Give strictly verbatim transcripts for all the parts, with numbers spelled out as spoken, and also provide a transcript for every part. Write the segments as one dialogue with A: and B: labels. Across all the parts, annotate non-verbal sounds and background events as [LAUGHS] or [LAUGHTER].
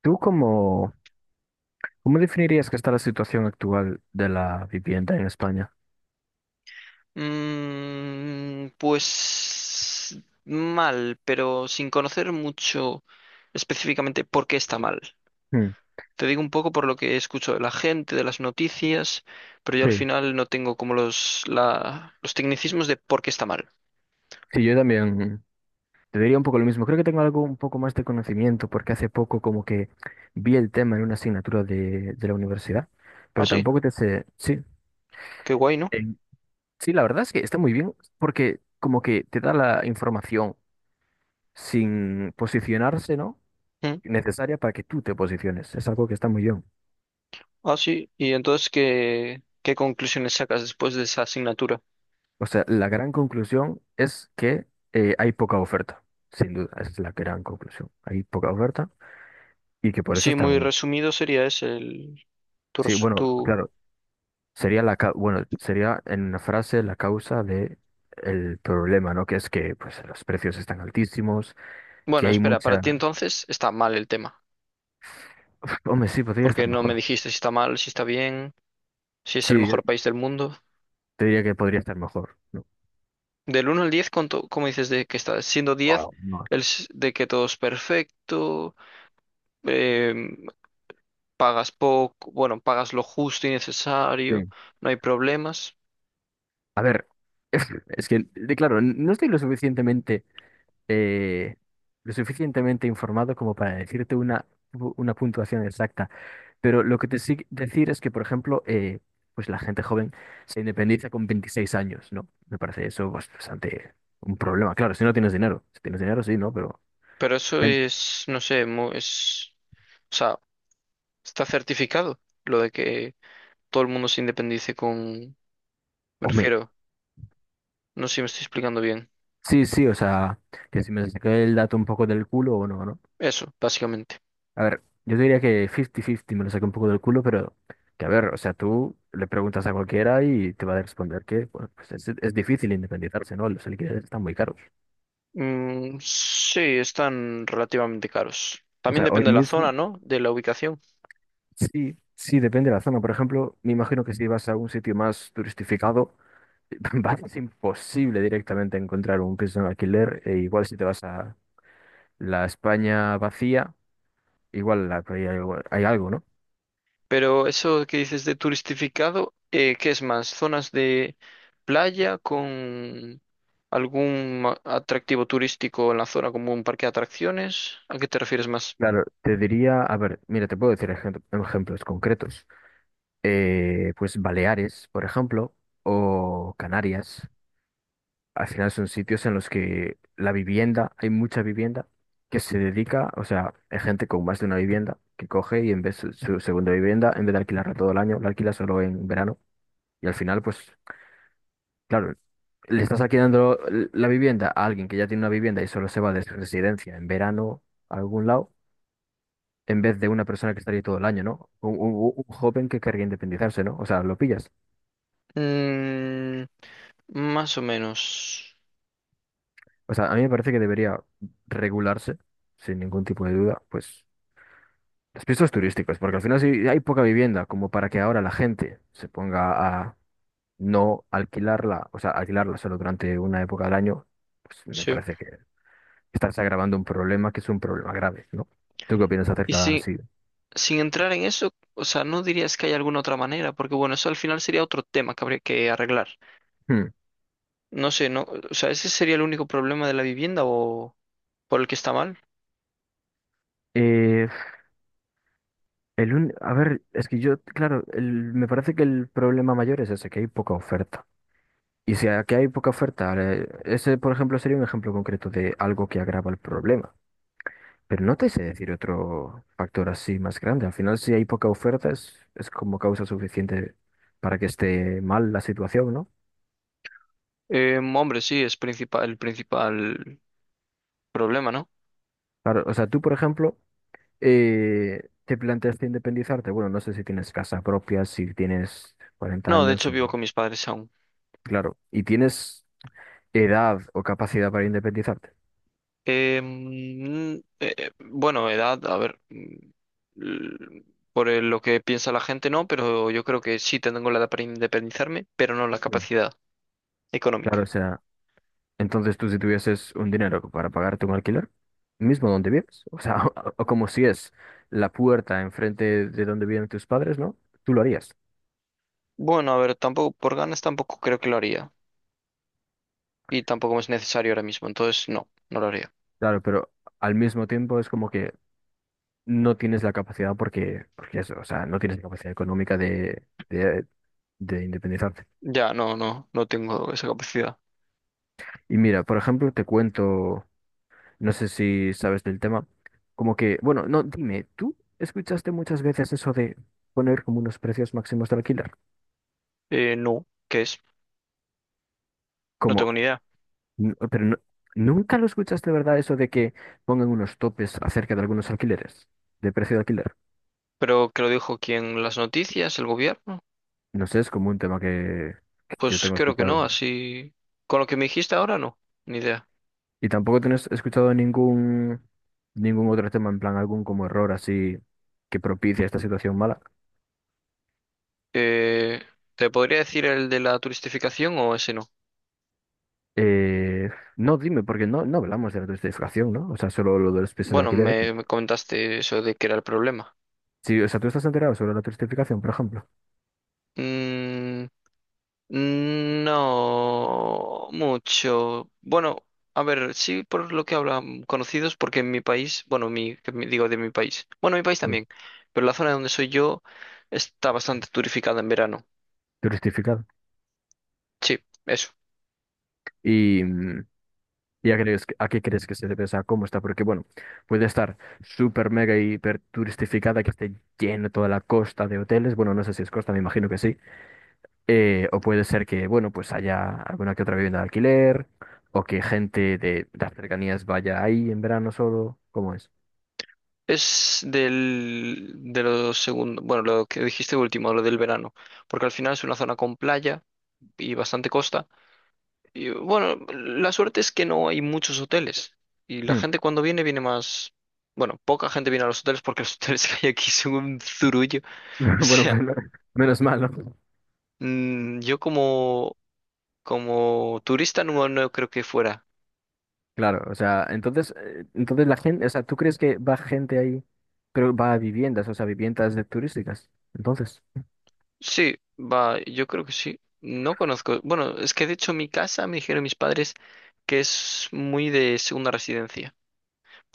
A: ¿Tú cómo, cómo definirías que está la situación actual de la vivienda en España?
B: Mm, pues mal, pero sin conocer mucho específicamente por qué está mal.
A: Hmm.
B: Te digo un poco por lo que escucho de la gente, de las noticias, pero yo al
A: Sí,
B: final no tengo como los, la, los tecnicismos de por qué está mal.
A: sí, yo también te diría un poco lo mismo. Creo que tengo algo un poco más de conocimiento porque hace poco como que vi el tema en una asignatura de, de la universidad,
B: Ah,
A: pero
B: sí,
A: tampoco te sé, sí,
B: qué guay, ¿no?
A: en- sí, la verdad es que está muy bien porque como que te da la información sin posicionarse, ¿no?
B: Mm.
A: Necesaria para que tú te posiciones. Es algo que está muy bien.
B: Ah, sí, y entonces, ¿qué, qué conclusiones sacas después de esa asignatura?
A: O sea, la gran conclusión es que eh, hay poca oferta, sin duda, esa es la gran conclusión. Hay poca oferta y que por eso
B: Sí, muy
A: están...
B: resumido sería ese el, tu,
A: Sí,
B: res-
A: bueno,
B: tu...
A: claro, sería la ca- bueno, sería en una frase la causa de el problema, ¿no? Que es que pues los precios están altísimos, que
B: Bueno,
A: hay
B: espera, para ti
A: mucha...
B: entonces está mal el tema.
A: [LAUGHS] Uf, hombre, sí, podría
B: Porque
A: estar
B: no me
A: mejor.
B: dijiste si está mal, si está bien, si es el
A: Sí, yo
B: mejor país del mundo.
A: te diría que podría estar mejor. No.
B: Del uno al diez, ¿cuánto- ¿cómo dices de que está? Siendo diez
A: Wow, no.
B: el s- de que todo es perfecto, em, pagas poco, bueno, pagas lo justo y necesario,
A: Sí.
B: no hay problemas.
A: A ver, [LAUGHS] es, que, de- claro, no estoy lo suficientemente eh, lo suficientemente informado como para decirte una, pu- una puntuación exacta. Pero lo que te sí decir es que, por ejemplo, eh, pues la gente joven se independiza con veintiséis años, ¿no? Me parece eso pues, bastante un problema. Claro, si no tienes dinero. Si tienes dinero, sí, ¿no? Pero,
B: Pero eso
A: gen-
B: es, no sé, mu- es, o sea, está certificado lo de que todo el mundo se independice con, me
A: hombre,
B: refiero, no sé si me estoy explicando bien.
A: sí, sí, o sea, que si me saqué el dato un poco del culo o no, ¿no?
B: Eso, básicamente.
A: A ver, yo diría que cincuenta cincuenta me lo saqué un poco del culo, pero que a ver, o sea, tú le preguntas a cualquiera y te va a responder que, bueno, pues es, es difícil independizarse, ¿no? Los alquileres están muy caros.
B: Mm, sí, están relativamente caros.
A: O
B: También
A: sea, hoy
B: depende de la
A: mismo
B: zona, ¿no? De la ubicación.
A: sí, sí, depende de la zona. Por ejemplo, me imagino que si vas a un sitio más turistificado, [LAUGHS] va a ser imposible directamente encontrar un piso en alquiler. E igual si te vas a la España vacía, igual la- hay, algo- hay algo, ¿no?
B: Pero eso que dices de turistificado, eh, ¿qué es más? ¿Zonas de playa con algún a- atractivo turístico en la zona, como un parque de atracciones? ¿A qué te refieres más?
A: Claro, te diría, a ver, mira, te puedo decir ejem- ejemplos concretos. Eh, pues Baleares, por ejemplo, o Canarias. Al final son sitios en los que la vivienda, hay mucha vivienda que se dedica, o sea, hay gente con más de una vivienda que coge y en vez de su segunda vivienda, en vez de alquilarla todo el año, la alquila solo en verano. Y al final, pues, claro, le estás alquilando la vivienda a alguien que ya tiene una vivienda y solo se va de su residencia en verano a algún lado, en vez de una persona que estaría todo el año, ¿no? Un, un- un joven que querría independizarse, ¿no? O sea, lo pillas.
B: Mm, más o menos.
A: O sea, a mí me parece que debería regularse, sin ningún tipo de duda, pues los pisos turísticos, porque al final si hay poca vivienda, como para que ahora la gente se ponga a no alquilarla, o sea, alquilarla solo durante una época del año, pues me
B: Sí.
A: parece que estás agravando un problema que es un problema grave, ¿no? ¿Tú qué opinas
B: Y
A: acerca
B: si,
A: así?
B: sin entrar en eso, o sea, no dirías que hay alguna otra manera, porque bueno, eso al final sería otro tema que habría que arreglar.
A: Hmm.
B: No sé, no, o sea, ese sería el único problema de la vivienda o por el que está mal.
A: Eh, el un- A ver, es que yo, claro, el- me parece que el problema mayor es ese, que hay poca oferta. Y si aquí hay poca oferta, eh, ese, por ejemplo, sería un ejemplo concreto de algo que agrava el problema. Pero no te sé decir otro factor así más grande. Al final, si hay poca oferta, es, es como causa suficiente para que esté mal la situación, ¿no?
B: Eh, hombre, sí, es principal, el principal problema, ¿no?
A: Claro, o sea, tú, por ejemplo, eh, te planteaste independizarte. Bueno, no sé si tienes casa propia, si tienes cuarenta
B: No, de
A: años,
B: hecho vivo con mis padres aún.
A: claro, y tienes edad o capacidad para independizarte.
B: Eh, mm, eh, eh, bueno, edad, a ver, mm, l- por el- lo que piensa la gente, no, pero yo creo que sí tengo la edad para independizarme, pero no la
A: Mm.
B: capacidad
A: Claro,
B: económica.
A: o sea. Entonces tú si tuvieses un dinero para pagarte un alquiler, mismo donde vives, o sea, [LAUGHS] o o como si es la puerta enfrente de donde viven tus padres, ¿no? Tú lo harías.
B: Bueno, a ver, tampoco, por ganas tampoco creo que lo haría y tampoco es necesario ahora mismo, entonces no, no lo haría.
A: Claro, pero al mismo tiempo es como que no tienes la capacidad porque, porque eso, o sea, no tienes la capacidad económica de, de, de independizarte.
B: Ya, no, no, no tengo esa capacidad.
A: Y mira, por ejemplo, te cuento, no sé si sabes del tema, como que, bueno, no, dime, ¿tú escuchaste muchas veces eso de poner como unos precios máximos de alquiler?
B: Eh, no, ¿qué es? No
A: Como
B: tengo ni idea.
A: N- pero no- nunca lo escuchas de verdad eso de que pongan unos topes acerca de algunos alquileres, de precio de alquiler.
B: ¿Pero que lo dijo quién? ¿Las noticias? ¿El gobierno?
A: No sé, es como un tema que, que yo
B: Pues
A: tengo
B: creo que
A: escuchado.
B: no, así... Con lo que me dijiste ahora no, ni idea.
A: Y tampoco tienes escuchado ningún, ningún otro tema, en plan algún como error así que propicia esta situación mala.
B: Eh, ¿te podría decir el de la turistificación o ese no?
A: Eh, no, dime, porque no, no hablamos de la turistificación, ¿no? O sea, solo lo de los pisos de
B: Bueno,
A: alquiler.
B: me, me comentaste eso de que era el problema.
A: Sí, o sea, tú estás enterado sobre la turistificación, por ejemplo.
B: Mm, Mm, No mucho. Bueno, a ver, sí por lo que hablan conocidos, porque en mi país, bueno, mi, que mi- digo de mi país, bueno, mi país
A: Sí.
B: también, pero la zona donde soy yo está bastante turificada en verano.
A: Turistificado.
B: Sí, eso.
A: Y, mm, ¿y a, crees, que- a qué crees que se debe? O sea, ¿cómo está? Porque, bueno, puede estar súper mega hiper turistificada, que esté lleno toda la costa de hoteles. Bueno, no sé si es costa, me imagino que sí. Eh, o puede ser que, bueno, pues haya alguna que otra vivienda de alquiler, o que gente de las cercanías vaya ahí en verano solo. ¿Cómo es?
B: Es del, de lo segundo, bueno, lo que dijiste último, lo del verano, porque al final es una zona con playa y bastante costa. Y bueno, la suerte es que no hay muchos hoteles. Y la
A: Hmm.
B: gente cuando viene, viene más. Bueno, poca gente viene a los hoteles porque los [LAUGHS] hoteles que hay aquí son un zurullo. [LAUGHS] O
A: [LAUGHS] Bueno,
B: sea,
A: pues no- menos mal, ¿no?
B: mm, yo como, como turista no, no creo que fuera.
A: Claro, o sea, entonces, eh, entonces la gente, o sea, ¿tú crees que va gente ahí? Pero va a viviendas, o sea, viviendas de turísticas. Entonces.
B: Sí, va, yo creo que sí. No conozco. Bueno, es que de hecho mi casa, me dijeron mis padres, que es muy de segunda residencia.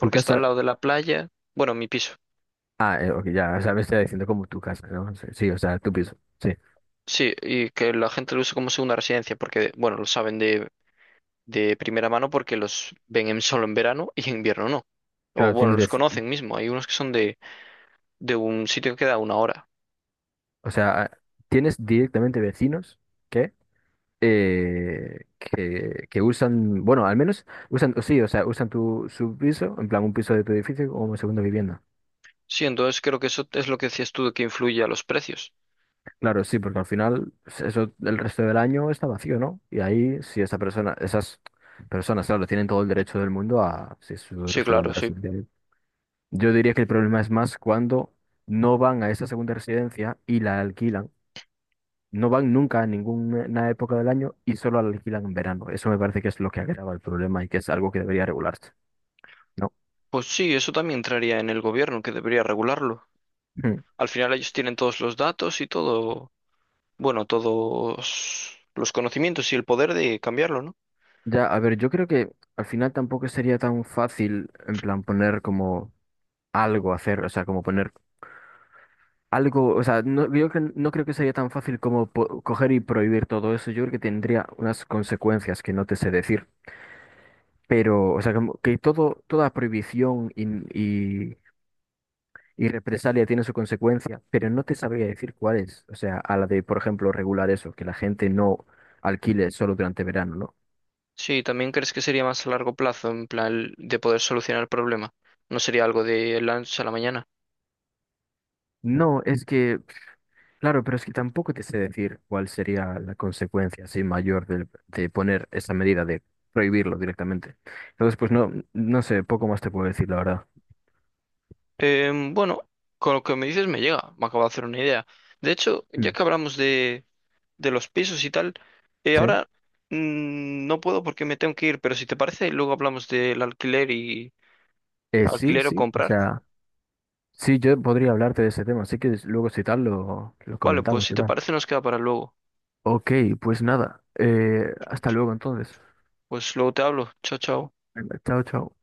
A: ¿Tu
B: está
A: casa?
B: al lado de la playa. Bueno, mi piso.
A: Ah, eh, ok, ya, o sea, me está diciendo como tu casa, ¿no? Sí, sí, o sea, tu piso. Sí,
B: Sí, y que la gente lo usa como segunda residencia porque, bueno, lo saben de de primera mano porque los ven en- solo en verano y en invierno no. O
A: claro,
B: bueno,
A: tienes
B: los
A: veci-
B: conocen mismo. Hay unos que son de, de un sitio que queda a una hora.
A: o sea, ah, tienes directamente vecinos que, eh, que, que usan, bueno, al menos usan, sí, o sea, usan tu, su piso, en plan un piso de tu edificio como segunda vivienda.
B: Sí, entonces creo que eso es lo que decías tú de que influye a los precios.
A: Claro, sí, porque al final s- eso el resto del año está vacío, ¿no? Y ahí, si esa persona, esas personas, claro, tienen todo el derecho del mundo a, si es su
B: Sí, claro,
A: segunda
B: sí.
A: residencia. Yo diría que el problema es más cuando no van a esa segunda residencia y la alquilan. No van nunca a ninguna época del año y solo la alquilan en verano. Eso me parece que es lo que agrava el problema y que es algo que debería regularse, ¿no?
B: Pues sí, eso también entraría en el gobierno, que debería regularlo.
A: Mm.
B: Al final ellos tienen todos los datos y todo, bueno, todos los conocimientos y el poder de cambiarlo, ¿no?
A: Ya, a ver, yo creo que al final tampoco sería tan fácil en plan poner como algo a hacer, o sea, como poner algo, o sea, no, yo cre- no creo que sería tan fácil como po- coger y prohibir todo eso. Yo creo que tendría unas consecuencias que no te sé decir. Pero, o sea, como que todo, toda prohibición y, y, y represalia tiene su consecuencia, pero no te sabría decir cuál es. O sea, a la de, por ejemplo, regular eso, que la gente no alquile solo durante verano, ¿no?
B: Sí, ¿también crees que sería más a largo plazo, en plan de poder solucionar el problema? ¿No sería algo de la noche a la mañana?
A: No, es que, claro, pero es que tampoco te sé decir cuál sería la consecuencia así mayor del- de, poner esa medida de prohibirlo directamente. Entonces, pues no, no sé, poco más te puedo decir, la verdad.
B: Em, bueno, con lo que me dices me llega, me acabo de hacer una idea. De hecho, ya
A: Mm.
B: que hablamos de, de los pisos y tal, eh,
A: ¿Sí?
B: ahora mm, no puedo porque me tengo que ir, pero si te parece, luego hablamos del alquiler y
A: Eh, sí,
B: alquiler o
A: sí, o
B: comprar.
A: sea. Sí, yo podría hablarte de ese tema, así que des- luego si tal lo, lo
B: Vale, pues
A: comentamos,
B: si
A: si
B: te
A: tal?
B: parece nos queda para luego.
A: Ok, pues nada, eh, hasta luego entonces.
B: Pues luego te hablo. Chao, chao.
A: Venga, chao, chao.